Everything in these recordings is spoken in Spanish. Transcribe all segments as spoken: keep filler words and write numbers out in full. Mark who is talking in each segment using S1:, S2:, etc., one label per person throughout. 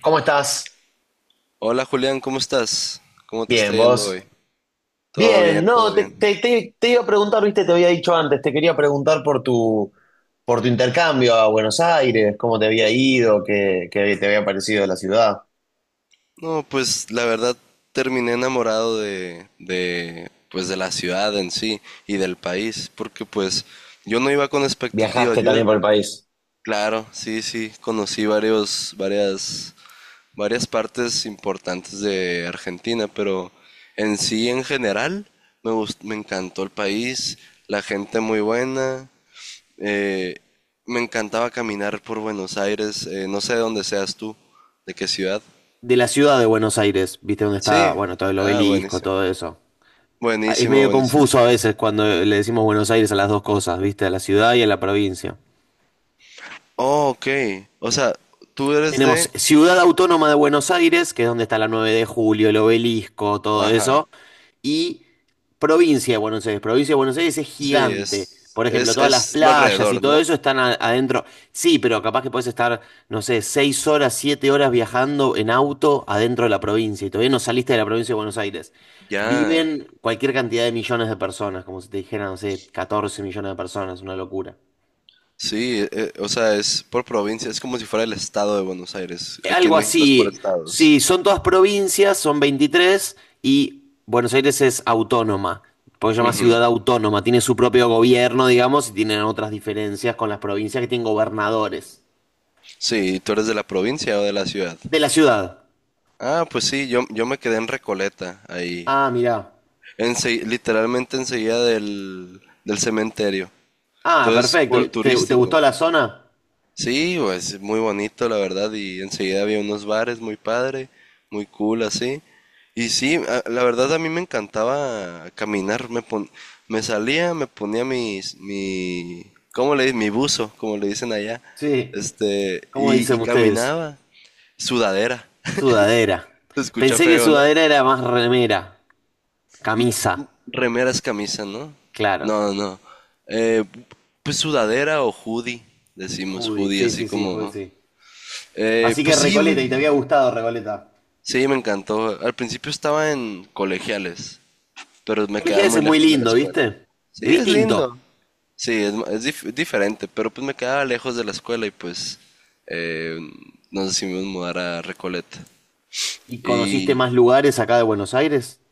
S1: ¿Cómo estás?
S2: Hola Julián, ¿cómo estás? ¿Cómo te está
S1: Bien,
S2: yendo hoy?
S1: vos.
S2: Todo
S1: Bien,
S2: bien, todo
S1: no, te,
S2: bien.
S1: te- te- te iba a preguntar, viste, te había dicho antes, te quería preguntar por tu, por tu intercambio a Buenos Aires, cómo te había ido, qué, qué te había parecido la ciudad.
S2: No, pues la verdad terminé enamorado de, de, pues de la ciudad en sí y del país, porque pues yo no iba con expectativas.
S1: ¿Viajaste
S2: Yo, iba-
S1: también por el país?
S2: claro, sí, sí, conocí varios, varias, varias partes importantes de Argentina, pero en sí, en general, me gust- me encantó el país, la gente muy buena. Eh, Me encantaba caminar por Buenos Aires, eh, no sé de dónde seas tú, de qué ciudad.
S1: De la ciudad de Buenos Aires, viste dónde está,
S2: Sí,
S1: bueno, todo el
S2: ah,
S1: obelisco,
S2: buenísimo.
S1: todo eso. Ah, es
S2: Buenísimo,
S1: medio
S2: buenísimo.
S1: confuso a veces cuando le decimos Buenos Aires a las dos cosas, viste, a la ciudad y a la provincia.
S2: Oh, ok. O sea, tú eres
S1: Tenemos
S2: de...
S1: Ciudad Autónoma de Buenos Aires, que es donde está la nueve de Julio, el obelisco, todo
S2: Ajá.
S1: eso. Y provincia de Buenos Aires. Provincia de Buenos Aires es
S2: Sí,
S1: gigante.
S2: es,
S1: Por ejemplo,
S2: es,
S1: todas las
S2: es lo
S1: playas y
S2: alrededor,
S1: todo
S2: ¿no?
S1: eso están a- adentro. Sí, pero capaz que puedes estar, no sé, seis horas, siete horas viajando en auto adentro de la provincia y todavía no saliste de la provincia de Buenos Aires.
S2: Ya.
S1: Viven cualquier cantidad de millones de personas, como si te dijera, no sé, catorce millones de personas, una locura.
S2: Sí, eh, o sea, es por provincia, es como si fuera el estado de Buenos Aires.
S1: Eh,
S2: Aquí
S1: Algo
S2: en México es por
S1: así.
S2: estados.
S1: Sí, son todas provincias, son veintitrés y Buenos Aires es autónoma, porque se llama
S2: Ujú.
S1: ciudad autónoma, tiene su propio gobierno, digamos, y tienen otras diferencias con las provincias que tienen gobernadores
S2: Sí, ¿y ¿tú eres de la provincia o de la ciudad?
S1: de la ciudad.
S2: Ah, pues sí, yo, yo me quedé en Recoleta, ahí.
S1: Ah, mirá.
S2: Ense Literalmente enseguida del, del cementerio.
S1: Ah,
S2: Entonces,
S1: perfecto.
S2: full
S1: ¿Te, te gustó
S2: turístico.
S1: la zona?
S2: Sí, pues muy bonito, la verdad. Y enseguida había unos bares muy padre, muy cool así. Y sí, a- la verdad a mí me encantaba caminar. Me, pon- me salía, me ponía mis, mi, ¿cómo le dicen? Mi buzo, como le dicen allá.
S1: Sí.
S2: Este,
S1: ¿Cómo
S2: y, y
S1: dicen ustedes?
S2: caminaba. Sudadera.
S1: Sudadera.
S2: Se escucha
S1: Pensé que
S2: feo, ¿no?
S1: sudadera era más remera, camisa.
S2: Remeras, camisa, ¿no?
S1: Claro.
S2: No, no. Eh, pues sudadera o hoodie, decimos
S1: Judy,
S2: hoodie,
S1: sí,
S2: así
S1: sí, sí,
S2: como...
S1: Judy,
S2: ¿no?
S1: sí.
S2: Eh,
S1: Así que
S2: pues sí, me-
S1: Recoleta, y te había gustado Recoleta.
S2: sí, me encantó. Al principio estaba en colegiales, pero me quedaba
S1: Colegiales es
S2: muy
S1: muy
S2: lejos de la
S1: lindo,
S2: escuela.
S1: ¿viste?
S2: Sí,
S1: Es
S2: es
S1: distinto.
S2: lindo. Sí, es, ma- es dif- diferente, pero pues me quedaba lejos de la escuela y pues eh, nos decidimos mudar a Recoleta.
S1: ¿Y conociste
S2: Y
S1: más lugares acá de Buenos Aires?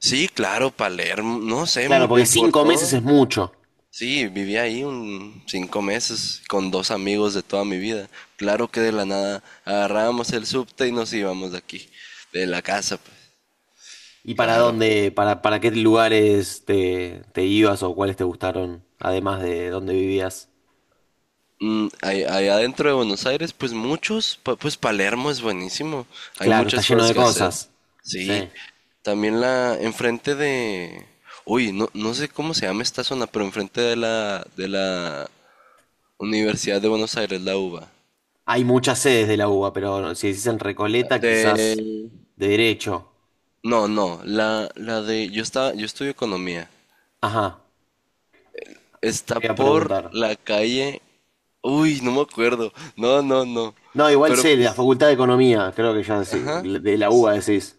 S2: sí, claro, Palermo, no sé, mu-
S1: Claro, porque
S2: eh, por
S1: cinco meses es
S2: todo.
S1: mucho.
S2: Sí, viví ahí un cinco meses con dos amigos de toda mi vida. Claro que de la nada agarrábamos el subte y nos íbamos de aquí, de la casa, pues,
S1: ¿Y para
S2: claro.
S1: dónde, para, para qué lugares te, te ibas o cuáles te gustaron, además de dónde vivías?
S2: Mm, ahí- allá adentro de Buenos Aires, pues muchos, pa- pues Palermo es buenísimo. Hay
S1: Claro, está
S2: muchas
S1: lleno
S2: cosas
S1: de
S2: que hacer.
S1: cosas.
S2: Sí,
S1: Sí.
S2: también la, enfrente de, uy, no, no sé cómo se llama esta zona, pero enfrente de la, de la Universidad de Buenos Aires, la UBA.
S1: Hay muchas sedes de la UBA, pero si decís en Recoleta,
S2: De,
S1: quizás de derecho.
S2: No, no, la, la de, yo estaba, yo estudio economía.
S1: Ajá,
S2: Está
S1: te iba a
S2: por
S1: preguntar.
S2: la calle, uy, no me acuerdo. No, no, no.
S1: No, igual
S2: Pero,
S1: sé, de la
S2: pues,
S1: Facultad de Economía, creo que ya decí-
S2: ajá.
S1: de la UBA decís.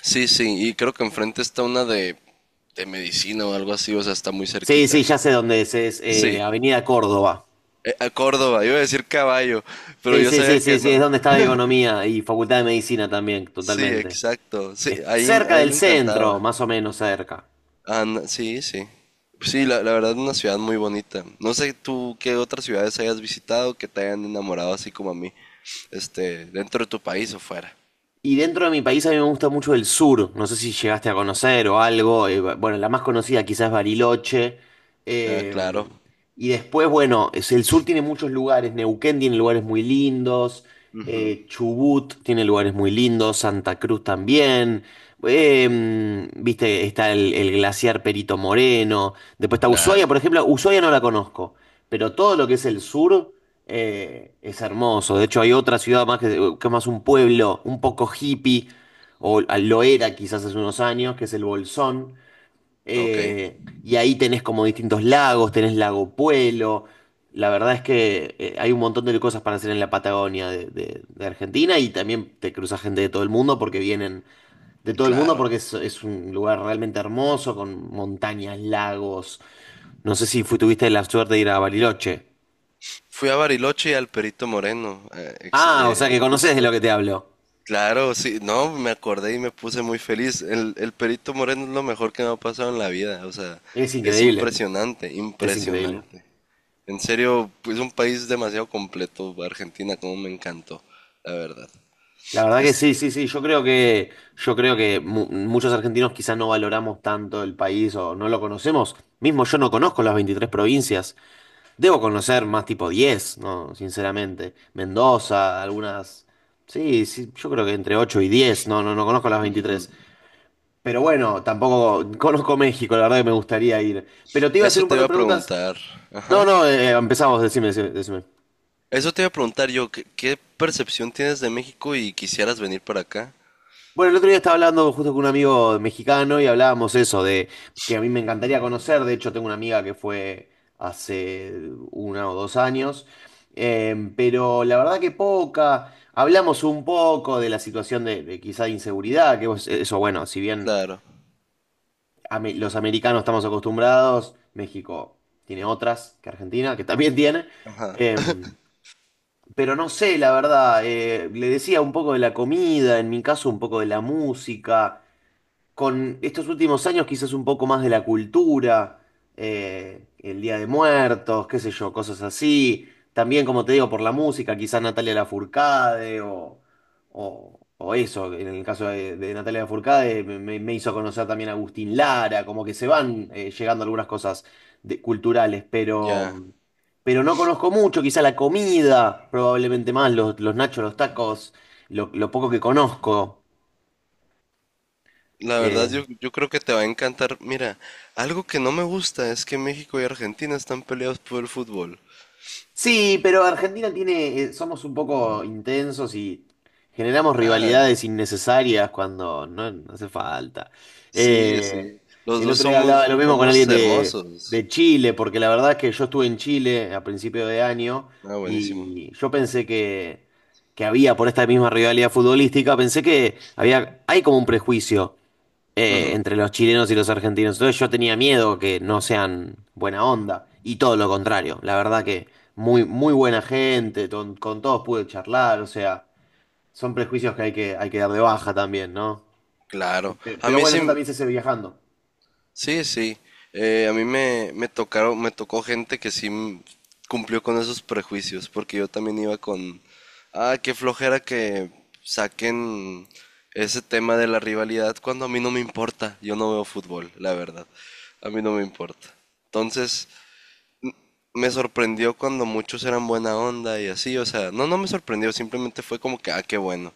S2: Sí, sí, y creo que enfrente está una de, de medicina o algo así, o sea, está muy
S1: Sí,
S2: cerquita.
S1: sí, ya sé dónde es, es
S2: Sí,
S1: eh, Avenida Córdoba.
S2: eh, a Córdoba, iba a decir caballo, pero
S1: Sí,
S2: yo
S1: sí,
S2: sabía
S1: sí,
S2: que
S1: sí, sí, es
S2: no.
S1: donde está Economía y Facultad de Medicina también,
S2: Sí,
S1: totalmente.
S2: exacto. Sí,
S1: Es
S2: ahí, a
S1: cerca
S2: mí
S1: del
S2: me
S1: centro,
S2: encantaba.
S1: más o menos cerca.
S2: Ana- sí, sí. Sí, la, la verdad es una ciudad muy bonita. No sé tú qué otras ciudades hayas visitado que te hayan enamorado así como a mí, este, dentro de tu país o fuera.
S1: Y dentro de mi país a mí me gusta mucho el sur. No sé si llegaste a conocer o algo. Eh, ba- bueno, la más conocida quizás es Bariloche.
S2: Ah,
S1: eh,
S2: claro.
S1: y después, bueno, es- el sur tiene muchos lugares. Neuquén tiene lugares muy lindos.
S2: Ujú,
S1: eh, Chubut tiene lugares muy lindos. Santa Cruz también. Eh, viste, está el, el glaciar Perito Moreno. Después está Ushuaia,
S2: claro.
S1: por ejemplo. Ushuaia no la conozco. Pero todo lo que es el sur. Eh, es hermoso. De hecho, hay otra ciudad más que, que es más un pueblo, un poco hippie, o lo era quizás hace unos años, que es el Bolsón.
S2: Ok,
S1: Eh, y ahí tenés como distintos lagos, tenés Lago Puelo. La verdad es que eh, hay un montón de cosas para hacer en la Patagonia de, de- de Argentina y también te cruzas gente de todo el mundo porque vienen de todo el mundo
S2: claro.
S1: porque es, es un lugar realmente hermoso con montañas, lagos. No sé si fu- tuviste la suerte de ir a Bariloche.
S2: Fui a Bariloche y al Perito Moreno, eh, ex-
S1: Ah, o sea que
S2: eh,
S1: conoces de lo
S2: justo.
S1: que te hablo.
S2: Claro, sí, no, me acordé y me puse muy feliz. El, el Perito Moreno es lo mejor que me ha pasado en la vida, o sea,
S1: Es
S2: es
S1: increíble,
S2: impresionante,
S1: es increíble.
S2: impresionante. En serio, es un país demasiado completo, Argentina, como me encantó, la verdad.
S1: La verdad que
S2: Este,
S1: sí, sí, sí. Yo creo que, yo creo que mu- muchos argentinos quizás no valoramos tanto el país o no lo conocemos. Mismo yo no conozco las veintitrés provincias. Debo conocer más tipo diez, ¿no? Sinceramente. Mendoza, algunas. Sí, sí, yo creo que entre ocho y diez. No, no, no conozco las veintitrés. Pero bueno, tampoco conozco México, la verdad que me gustaría ir. Pero te iba a hacer
S2: eso
S1: un
S2: te
S1: par
S2: iba
S1: de
S2: a
S1: preguntas.
S2: preguntar,
S1: No,
S2: ajá.
S1: no, eh, empezamos, decime, decime, decime.
S2: Eso te iba a preguntar yo, ¿qué, qué percepción tienes de México y quisieras venir para acá?
S1: Bueno, el otro día estaba hablando justo con un amigo mexicano y hablábamos eso de que a mí me encantaría conocer. De hecho, tengo una amiga que fue hace una o dos años, eh, pero la verdad que poca. Hablamos un poco de la situación de, de quizá de inseguridad, que vos- eh, eso, bueno, si bien
S2: Claro,
S1: ame- los americanos estamos acostumbrados, México tiene otras que Argentina, que también tiene.
S2: ajá,
S1: em, pero no sé, la verdad, eh, le decía un poco de la comida, en mi caso un poco de la música con estos últimos años quizás un poco más de la cultura, eh, el Día de Muertos, qué sé yo, cosas así. También, como te digo, por la música, quizás Natalia Lafourcade o, o, o eso, en el caso de, de Natalia Lafourcade me, me- me hizo conocer también a Agustín Lara, como que se van eh, llegando algunas cosas de- culturales,
S2: ya.
S1: pero, pero no conozco mucho, quizá la comida, probablemente más, los, los nachos, los tacos, lo, lo poco que conozco.
S2: La verdad,
S1: eh,
S2: yo, yo creo que te va a encantar. Mira, algo que no me gusta es que México y Argentina están peleados por el fútbol.
S1: Sí, pero Argentina tiene, eh, somos un poco intensos y generamos
S2: Ah,
S1: rivalidades innecesarias cuando no, no hace falta.
S2: sí, sí.
S1: Eh,
S2: Los
S1: el
S2: dos
S1: otro día hablaba
S2: somos,
S1: lo mismo con
S2: somos
S1: alguien de,
S2: hermosos.
S1: de Chile, porque la verdad es que yo estuve en Chile a principio de año
S2: Ah, buenísimo.
S1: y yo pensé que, que había, por esta misma rivalidad futbolística, pensé que había, hay como un prejuicio eh,
S2: Ujú,
S1: entre los chilenos y los argentinos. Entonces yo tenía miedo que no sean buena onda. Y todo lo contrario. La verdad que muy, muy buena gente, ton- con, todos pude charlar. O sea, son prejuicios que hay que, hay que dar de baja también, ¿no?
S2: claro.
S1: Pero,
S2: A
S1: pero
S2: mí
S1: bueno, eso
S2: sí,
S1: también se hace viajando.
S2: sí, sí. Eh, a mí me, me tocaron, me tocó gente que sí m- cumplió con esos prejuicios, porque yo también iba con, ah, qué flojera que saquen ese tema de la rivalidad cuando a mí no me importa. Yo no veo fútbol, la verdad. A mí no me importa. Entonces, me sorprendió cuando muchos eran buena onda y así, o sea, no, no me sorprendió, simplemente fue como que, ah, qué bueno.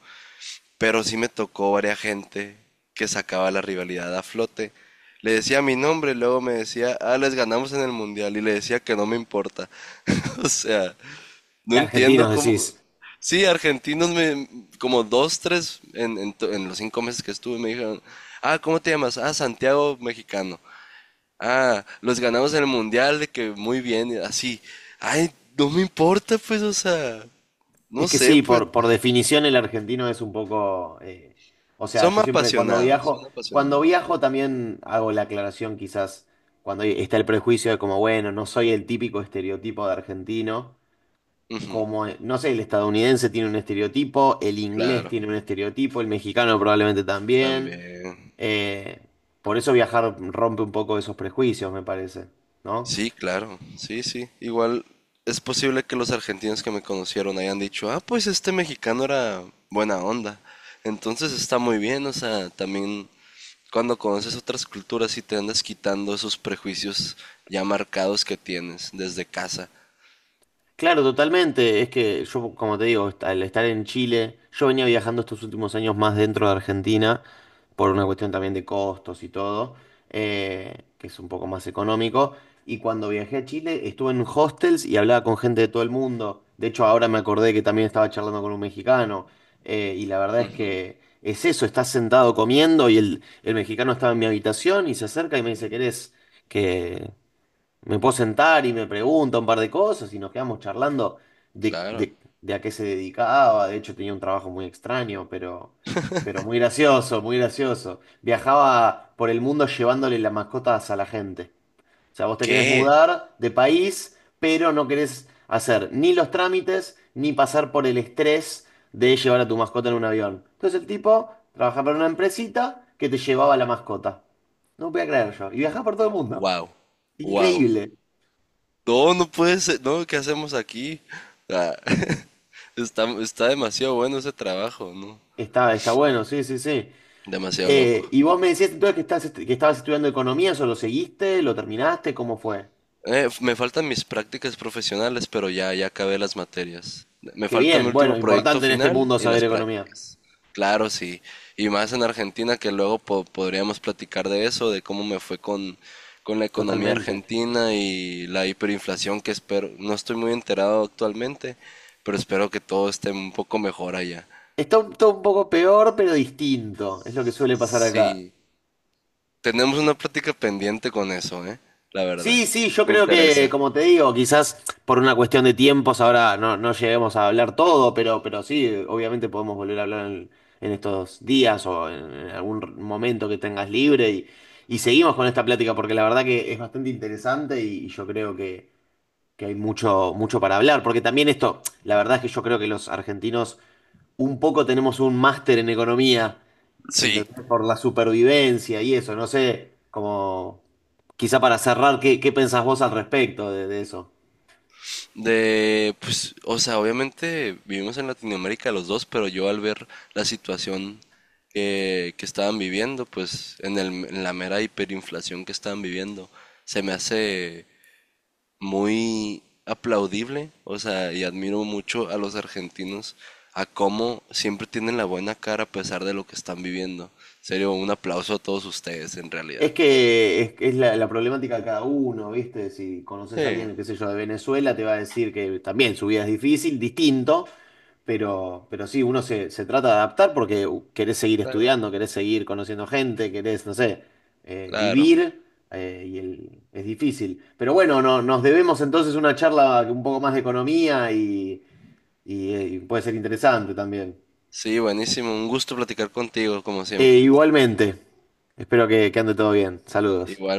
S2: Pero sí me tocó varias gente que sacaba la rivalidad a flote. Le decía mi nombre, luego me decía, ah, les ganamos en el mundial, y le decía que no me importa. O sea, no entiendo
S1: Argentinos
S2: cómo.
S1: decís.
S2: Sí, argentinos me, como dos, tres, en, en to- en los cinco meses que estuve, me dijeron, ah, ¿cómo te llamas? Ah, Santiago Mexicano. Ah, los ganamos en el mundial, de que muy bien, y así. Ay, no me importa, pues, o sea,
S1: Es
S2: no
S1: que
S2: sé,
S1: sí,
S2: pues.
S1: por, por definición el argentino es un poco, eh, o sea,
S2: Son
S1: yo siempre cuando
S2: apasionados, son
S1: viajo, cuando
S2: apasionados.
S1: viajo también hago la aclaración quizás cuando está el prejuicio de como, bueno, no soy el típico estereotipo de argentino.
S2: Ujú.
S1: Como, eh, no sé, el estadounidense tiene un estereotipo, el inglés
S2: Claro,
S1: tiene un estereotipo, el mexicano probablemente también.
S2: también.
S1: Eh, por eso viajar rompe un poco esos prejuicios, me parece, ¿no?
S2: Sí, claro, sí, sí. Igual es posible que los argentinos que me conocieron hayan dicho, ah, pues este mexicano era buena onda. Entonces está muy bien, o sea, también cuando conoces otras culturas y te andas quitando esos prejuicios ya marcados que tienes desde casa.
S1: Claro, totalmente. Es que yo, como te digo, est- al estar en Chile, yo venía viajando estos últimos años más dentro de Argentina, por una cuestión también de costos y todo, eh, que es un poco más económico. Y cuando viajé a Chile, estuve en hostels y hablaba con gente de todo el mundo. De hecho, ahora me acordé que también estaba charlando con un mexicano. Eh, y la verdad es
S2: Ujú,
S1: que es eso, estás sentado comiendo y el, el mexicano estaba en mi habitación y se acerca y me dice, ¿querés que me puedo sentar? Y me pregunta un par de cosas y nos quedamos charlando de,
S2: claro.
S1: de- de a qué se dedicaba. De hecho, tenía un trabajo muy extraño, pero, pero muy gracioso, muy gracioso. Viajaba por el mundo llevándole las mascotas a la gente. O sea, vos te querés
S2: ¿Qué?
S1: mudar de país, pero no querés hacer ni los trámites ni pasar por el estrés de llevar a tu mascota en un avión. Entonces el tipo trabajaba para una empresita que te llevaba la mascota. No podía creer yo. Y viajaba por todo el mundo.
S2: Wow, wow.
S1: Increíble.
S2: No, no puede ser, no, ¿qué hacemos aquí? Ah, está, está demasiado bueno ese trabajo, ¿no?
S1: Está, está bueno, sí, sí, sí.
S2: Demasiado
S1: Eh,
S2: loco.
S1: y vos me decías entonces que, estás, est- que estabas estudiando economía, ¿eso lo seguiste? ¿Lo terminaste? ¿Cómo fue?
S2: Eh, me faltan mis prácticas profesionales, pero ya, ya acabé las materias. Me
S1: Qué
S2: falta mi
S1: bien,
S2: último
S1: bueno,
S2: proyecto
S1: importante en este
S2: final
S1: mundo
S2: y
S1: saber
S2: las
S1: economía.
S2: prácticas. Claro, sí. Y más en Argentina, que luego po- podríamos platicar de eso, de cómo me fue con, con la economía
S1: Totalmente.
S2: argentina y la hiperinflación que espero. No estoy muy enterado actualmente, pero espero que todo esté un poco mejor allá.
S1: Está un, todo un poco peor, pero distinto. Es lo que suele pasar acá.
S2: Sí, tenemos una plática pendiente con eso, ¿eh? La verdad.
S1: Sí, sí, yo
S2: Me
S1: creo que,
S2: interesa.
S1: como te digo, quizás por una cuestión de tiempos ahora no, no lleguemos a hablar todo, pero, pero sí, obviamente podemos volver a hablar en, en estos días o en, en algún momento que tengas libre y, y seguimos con esta plática porque la verdad que es bastante interesante y, y yo creo que, que hay mucho, mucho para hablar, porque también esto, la verdad es que yo creo que los argentinos un poco tenemos un máster en economía,
S2: Sí.
S1: ¿entendés? Por la supervivencia y eso, no sé, como quizá para cerrar, ¿qué, qué pensás vos al respecto de, de eso?
S2: De, pues, o sea, obviamente vivimos en Latinoamérica los dos, pero yo al ver la situación que, que estaban viviendo, pues, en el, en la mera hiperinflación que estaban viviendo, se me hace muy aplaudible, o sea, y admiro mucho a los argentinos, a cómo siempre tienen la buena cara a pesar de lo que están viviendo. En serio, un aplauso a todos ustedes, en realidad.
S1: Es que es, es la, la problemática de cada uno, ¿viste? Si conoces a
S2: Sí,
S1: alguien, qué sé yo, de Venezuela, te va a decir que también su vida es difícil, distinto, Pero, pero sí, uno se, se trata de adaptar porque u, querés seguir
S2: claro.
S1: estudiando, querés seguir conociendo gente, querés, no sé, eh,
S2: Claro.
S1: vivir, eh, y el- es difícil. Pero bueno, no, nos debemos entonces una charla un poco más de economía y, y, eh, y puede ser interesante también.
S2: Sí, buenísimo, un gusto platicar contigo, como
S1: Eh,
S2: siempre.
S1: igualmente, espero que, que ande todo bien. Saludos.
S2: Igual.